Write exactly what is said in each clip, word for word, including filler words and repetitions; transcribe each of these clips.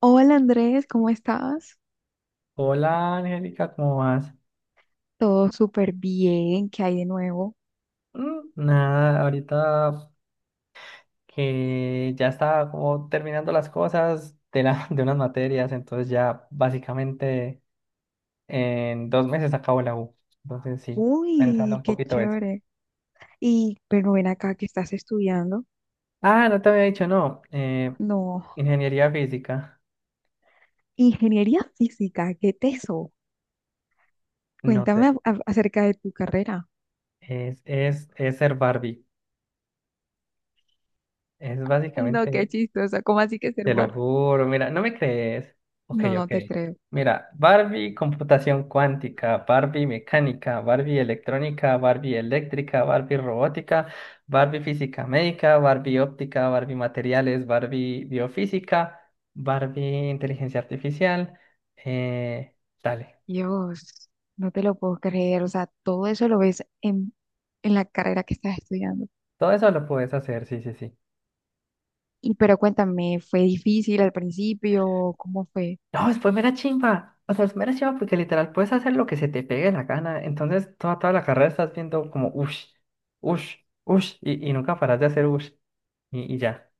Hola Andrés, ¿cómo estás? Hola Angélica, ¿cómo vas? Todo súper bien, ¿qué hay de nuevo? Mm, nada, ahorita que ya estaba como terminando las cosas de, la, de unas materias, entonces ya básicamente en dos meses acabo la U. Entonces sí, pensando Uy, un qué poquito eso. chévere. Y, pero ven acá que estás estudiando. Ah, no te había dicho, no. eh, No, Ingeniería física, ingeniería física, qué teso. no Cuéntame sé, a- a- acerca de tu carrera. es, es, es ser Barbie. Es No, qué básicamente. chistosa, ¿cómo así que ser Te lo bar? juro, mira, no me crees. Ok, No, no ok. te creo. Mira, Barbie computación cuántica, Barbie mecánica, Barbie electrónica, Barbie eléctrica, Barbie robótica, Barbie física médica, Barbie óptica, Barbie materiales, Barbie biofísica, Barbie inteligencia artificial. Eh, Dale, Dios, no te lo puedo creer. O sea, todo eso lo ves en, en la carrera que estás estudiando. todo eso lo puedes hacer, sí, sí, sí. Y pero cuéntame, ¿fue difícil al principio? ¿Cómo fue? No, después pues mera chimba. O sea, es mera chimba porque literal puedes hacer lo que se te pegue la gana. Entonces, toda, toda la carrera estás viendo como ush, ush, ush, y, y nunca paras de hacer ush. Y, y ya,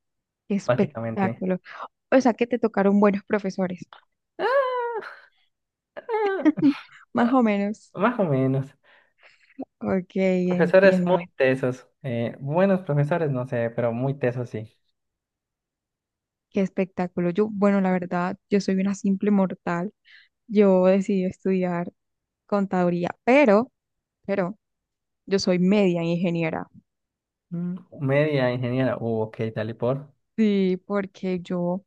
Qué básicamente. espectáculo. O sea, que te tocaron buenos profesores. Ah, Más ah, o menos. más o menos. Ok, Profesores muy entiendo. tesos. Eh, buenos profesores, no sé, pero muy tesos sí. Qué espectáculo. Yo, bueno, la verdad, yo soy una simple mortal. Yo decidí estudiar contaduría, pero, pero yo soy media ingeniera. Mm, media ingeniera. Uh, ok, tal y por. Sí, porque yo,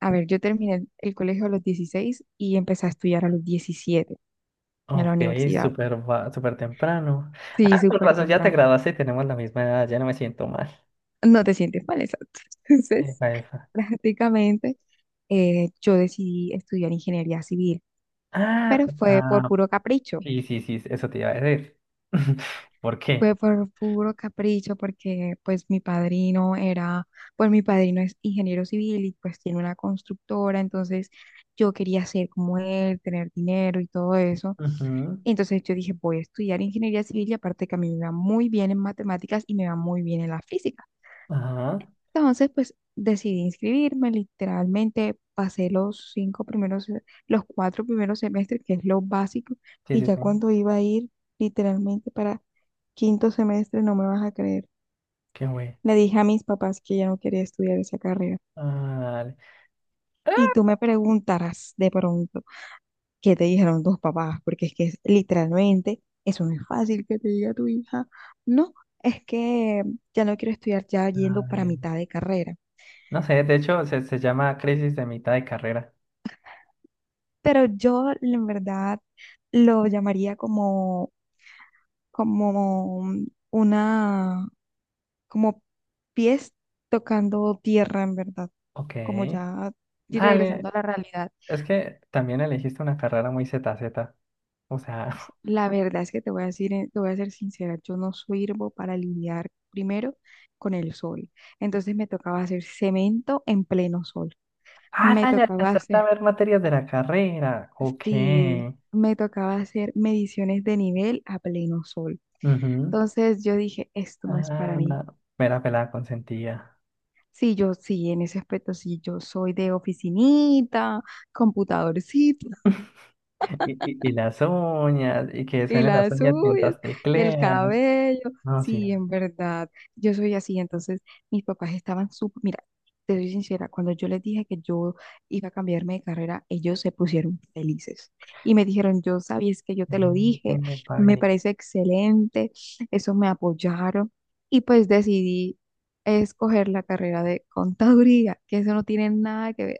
a ver, yo terminé el colegio a los dieciséis y empecé a estudiar a los diecisiete en la Ok, universidad. súper va- súper temprano. Sí, Ah, con súper razón, ya te temprano. graduaste y tenemos la misma edad, ya no me siento mal. No te sientes mal, exacto. Entonces, Epa, epa. prácticamente, eh, yo decidí estudiar ingeniería civil, Ah, pero fue por ah, puro capricho. sí, sí, sí, eso te iba a decir. ¿Por Fue qué? por puro capricho porque pues mi padrino era, pues mi padrino es ingeniero civil y pues tiene una constructora, entonces yo quería ser como él, tener dinero y todo eso. Ujú, Entonces yo dije, voy a estudiar ingeniería civil y aparte que a mí me va muy bien en matemáticas y me va muy bien en la física. ajá. Entonces, pues decidí inscribirme, literalmente pasé los cinco primeros, se- los cuatro primeros semestres, que es lo básico, Sí, y sí, ya sí. cuando iba a ir literalmente para quinto semestre, no me vas a creer. Qué güey. Le dije a mis papás que ya no quería estudiar esa carrera. Dale, Y tú me preguntarás de pronto, ¿qué te dijeron tus papás? Porque es que es- literalmente eso no es fácil que te diga tu hija. No, es que ya no quiero estudiar ya yendo para dale. mitad de carrera, No sé, de hecho se, se llama crisis de mitad de carrera. pero yo en verdad lo llamaría como, como una, como pies tocando tierra, en verdad, Ok. como ya y regresando Dale. a la realidad. Es que también elegiste una carrera muy zeta zeta. O sea. La verdad es que te voy a decir, eh, te voy a ser sincera, yo no sirvo para lidiar primero con el sol. Entonces me tocaba hacer cemento en pleno sol. Ah, Me dale, tocaba alcanzaste a hacer, ver materias de la carrera. Ok. sí, me tocaba hacer mediciones de nivel a pleno sol. Ujú. Entonces yo dije, esto no es para Ah, mí. mera pelada consentida. Sí, yo sí, en ese aspecto sí, yo soy de oficinita, computadorcito. Y, y- y las uñas, y que Y suenen las las uñas uñas mientras y el tecleas. cabello. No, sí. Sí, en verdad, yo soy así. Entonces, mis papás estaban súper, mira, te soy sincera, cuando yo les dije que yo iba a cambiarme de carrera, ellos se pusieron felices y me dijeron, yo sabía, es que yo te lo dije, Epa, me bien. parece excelente, eso me apoyaron y pues decidí escoger la carrera de contaduría, que eso no tiene nada que ver.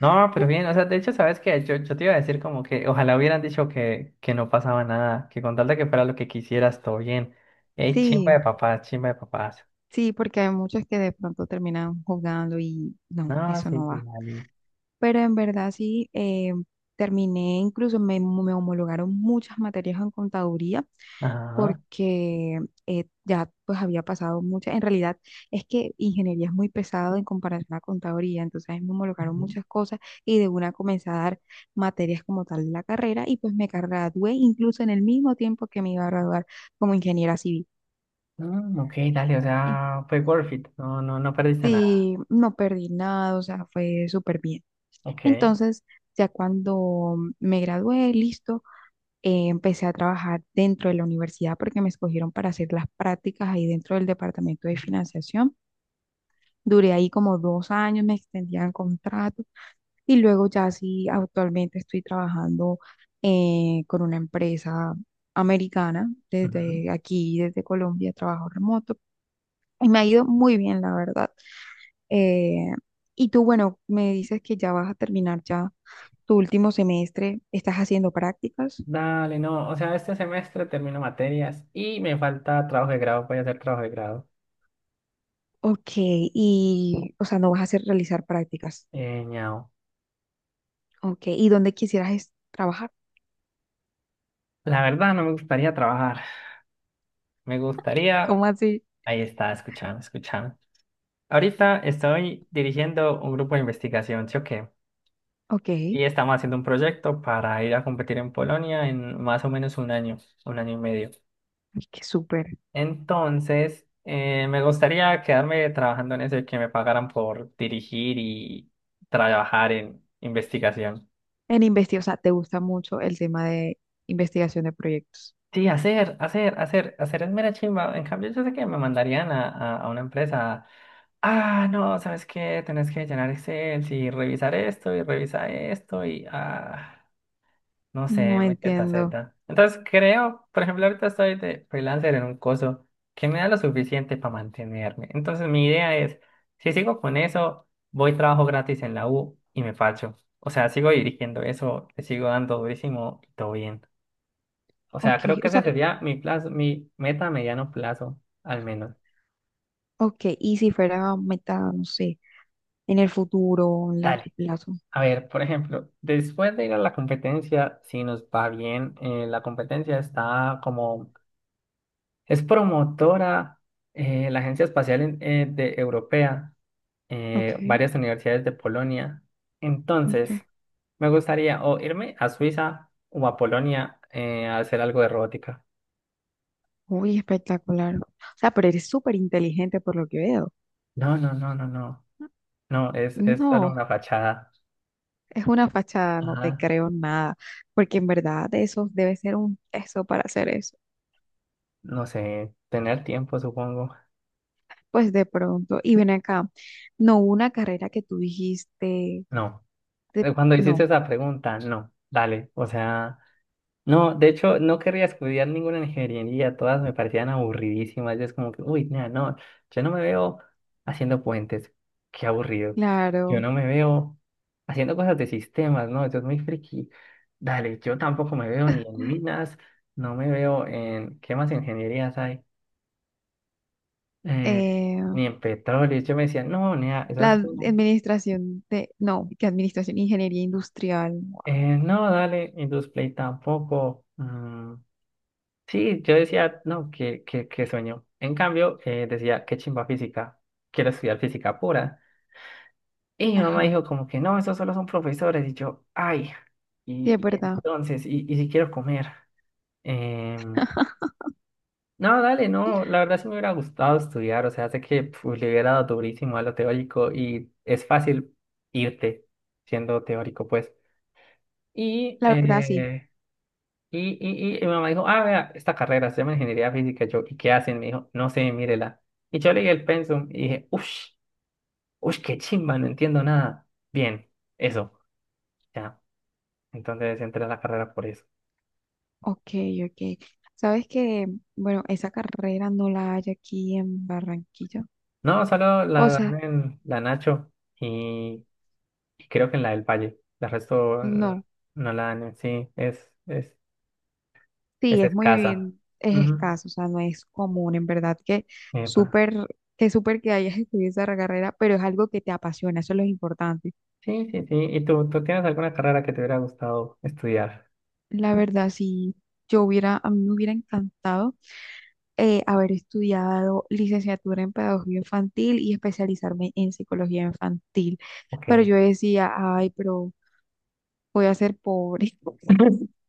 No, pero bien, o sea, de hecho, ¿sabes qué? Yo, yo te iba a decir como que ojalá hubieran dicho que, que no pasaba nada, que con tal de que fuera lo que quisieras, todo bien. Ey, chimba de Sí, papás, chimba de papás. sí, porque hay muchos que de pronto terminan jugando y no, No, eso sí, no sí, va. dale. Pero en verdad sí, eh, terminé, incluso me, me homologaron muchas materias en contaduría Ajá. porque eh, ya pues había pasado muchas, en realidad es que ingeniería es muy pesado en comparación a contaduría, entonces ahí me homologaron Ujú. muchas cosas y de una comencé a dar materias como tal de la carrera y pues me gradué incluso en el mismo tiempo que me iba a graduar como ingeniera civil. Mm, ok, dale, o Eh, sea, fue worth it. No, no, no perdiste nada. Sí, no perdí nada, o sea, fue súper bien. Ok. Entonces... Ya cuando me gradué, listo, eh, empecé a trabajar dentro de la universidad porque me escogieron para hacer las prácticas ahí dentro del departamento de financiación. Duré ahí como dos años, me extendían contrato y luego ya sí, actualmente estoy trabajando eh, con una empresa americana Ujú. desde aquí, desde Colombia, trabajo remoto y me ha ido muy bien, la verdad. Eh, y tú, bueno, me dices que ya vas a terminar ya tu último semestre, ¿estás haciendo prácticas? Dale, no, o sea, este semestre termino materias y me falta trabajo de grado, voy a hacer trabajo de grado. Ok, y, o sea, no vas a hacer realizar prácticas. Eh, ñao. Ok, ¿y dónde quisieras es- trabajar? La verdad no me gustaría trabajar, me ¿Cómo gustaría, así? ahí está, escuchando, escuchando. Ahorita estoy dirigiendo un grupo de investigación, ¿sí o qué? Ok, Y ay, estamos haciendo un proyecto para ir a competir en Polonia en más o menos un año, un año y medio. qué súper. Entonces, eh, me gustaría quedarme trabajando en eso y que me pagaran por dirigir y trabajar en investigación. En investigación, o sea, te gusta mucho el tema de investigación de proyectos. Sí, hacer, hacer, hacer, hacer es mera chimba. En cambio, yo sé que me mandarían a, a, a una empresa. Ah, no, ¿sabes qué? Tenés que llenar Excel y revisar esto y revisar esto y ah, no No sé, muy zeta. entiendo. zeta. Entonces creo, por ejemplo, ahorita estoy de freelancer en un coso que me da lo suficiente para mantenerme. Entonces mi idea es, si sigo con eso, voy trabajo gratis en la U y me facho. O sea, sigo dirigiendo eso, le sigo dando durísimo y todo bien. O sea, Ok, creo que o ese sea, sería mi plazo, mi meta a mediano plazo, al menos. ok, y si fuera meta, no sé, en el futuro, en largo Dale. plazo. A ver, por ejemplo, después de ir a la competencia, si nos va bien, eh, la competencia está como, es promotora, eh, la Agencia Espacial en- eh, de Europea, Ok, eh, varias universidades de Polonia. ok. Entonces, me gustaría o irme a Suiza o a Polonia eh, a hacer algo de robótica. Uy, espectacular. O sea, pero eres súper inteligente por lo que veo. No, no, no, no, no. No, es, es solo No. una fachada. Es una fachada, no te Ajá. creo nada, porque en verdad de eso debe ser un peso para hacer eso. No sé, tener tiempo, supongo. Pues de pronto, y ven acá, no hubo una carrera que tú dijiste, No. de- Eh, Cuando hiciste no, esa pregunta, no. Dale, o sea, no, de hecho, no querría estudiar ninguna ingeniería, todas me parecían aburridísimas. Y es como que, uy, nah, no, yo no me veo haciendo puentes, qué aburrido. Yo claro, no me veo haciendo cosas de sistemas, no, eso es muy friki. Dale, yo tampoco me veo ni en minas, no me veo en, ¿qué más ingenierías hay? Eh, eh, Ni en petróleo. Yo me decía, no, nea, eso la es. administración de, no, que administración, ingeniería industrial, no, Eh, no, dale, Indusplay tampoco. Mm, sí, yo decía, no, qué, qué, qué sueño. En cambio, eh, decía, qué chimba física, quiero estudiar física pura. Y mi mamá ajá, dijo como que no, esos solo son profesores. Y yo, ay, sí, es y, y verdad, entonces, y, y si quiero comer. Em, no, dale, no, la verdad sí me hubiera gustado estudiar, o sea, sé que pf, le hubiera dado durísimo a lo teórico y es fácil irte siendo teórico, pues. Y Mm. la verdad sí, eh, Y, y, y, y mi mamá dijo, ah, vea, esta carrera se llama ingeniería física. Yo, ¿y qué hacen? Me dijo, no sé, mírela. Y yo leí el pensum y dije, uff, uff, qué chimba, no entiendo nada. Bien, eso, ya. Entonces entré a la carrera por eso. ok, ok. Sabes que, bueno, esa carrera no la hay aquí en Barranquilla, No, solo la o sea, dan en la Nacho y, y creo que en la del Valle. La resto mm, no. no la dan en sí, es, es, Sí, es es escasa. muy, es Ujú. escaso, o sea, no es común, en verdad, que Epa. súper, que súper que hayas estudiado esa carrera, pero es algo que te apasiona, eso es lo importante. Sí, sí, sí. ¿Y tú, tú tienes alguna carrera que te hubiera gustado estudiar? La verdad, si yo hubiera, a mí me hubiera encantado eh, haber estudiado licenciatura en pedagogía infantil y especializarme en psicología infantil, Ok. pero yo decía, ay, pero voy a ser pobre,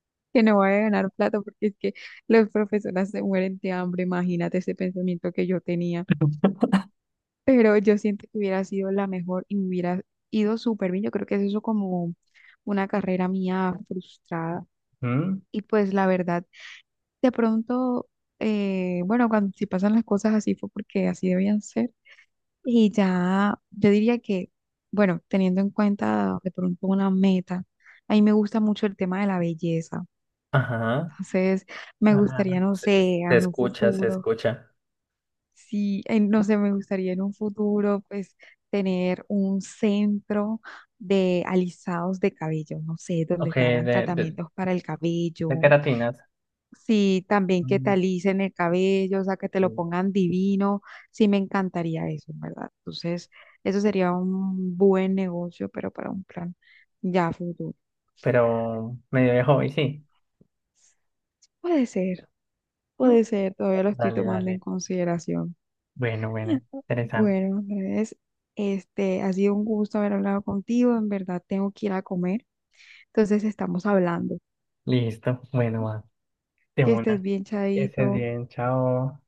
que no voy a ganar plata porque es que los profesores se mueren de hambre, imagínate ese pensamiento que yo tenía. Pero yo siento que hubiera sido la mejor y me hubiera ido súper bien. Yo creo que es eso como una carrera mía frustrada. Mm. Y pues la verdad, de pronto, eh, bueno, cuando si pasan las cosas así fue porque así debían ser. Y ya, yo diría que, bueno, teniendo en cuenta de pronto una meta, a mí me gusta mucho el tema de la belleza. Ajá, Entonces, me ajá. gustaría, no Se, se sé, en un escucha, se futuro. escucha. Sí, en- no sé, me gustaría en un futuro, pues, tener un centro de alisados de cabello, no sé, donde Ok, te hagan de, de, tratamientos para el de cabello. queratinas. Sí, también que te Mm, alisen el cabello, o sea, que te lo mm. pongan divino. Sí, me encantaría eso, ¿en verdad? Entonces, eso sería un buen negocio, pero para un plan ya futuro. Pero medio de hobby, sí. Puede ser, Mm, puede ser, todavía lo estoy dale, tomando en dale. consideración. Bueno, bueno. Interesante. Bueno, Andrés, este, ha sido un gusto haber hablado contigo. En verdad, tengo que ir a comer. Entonces, estamos hablando. Listo. Bueno, va. De Que estés una. bien, Que estés Chadito. bien. Chao.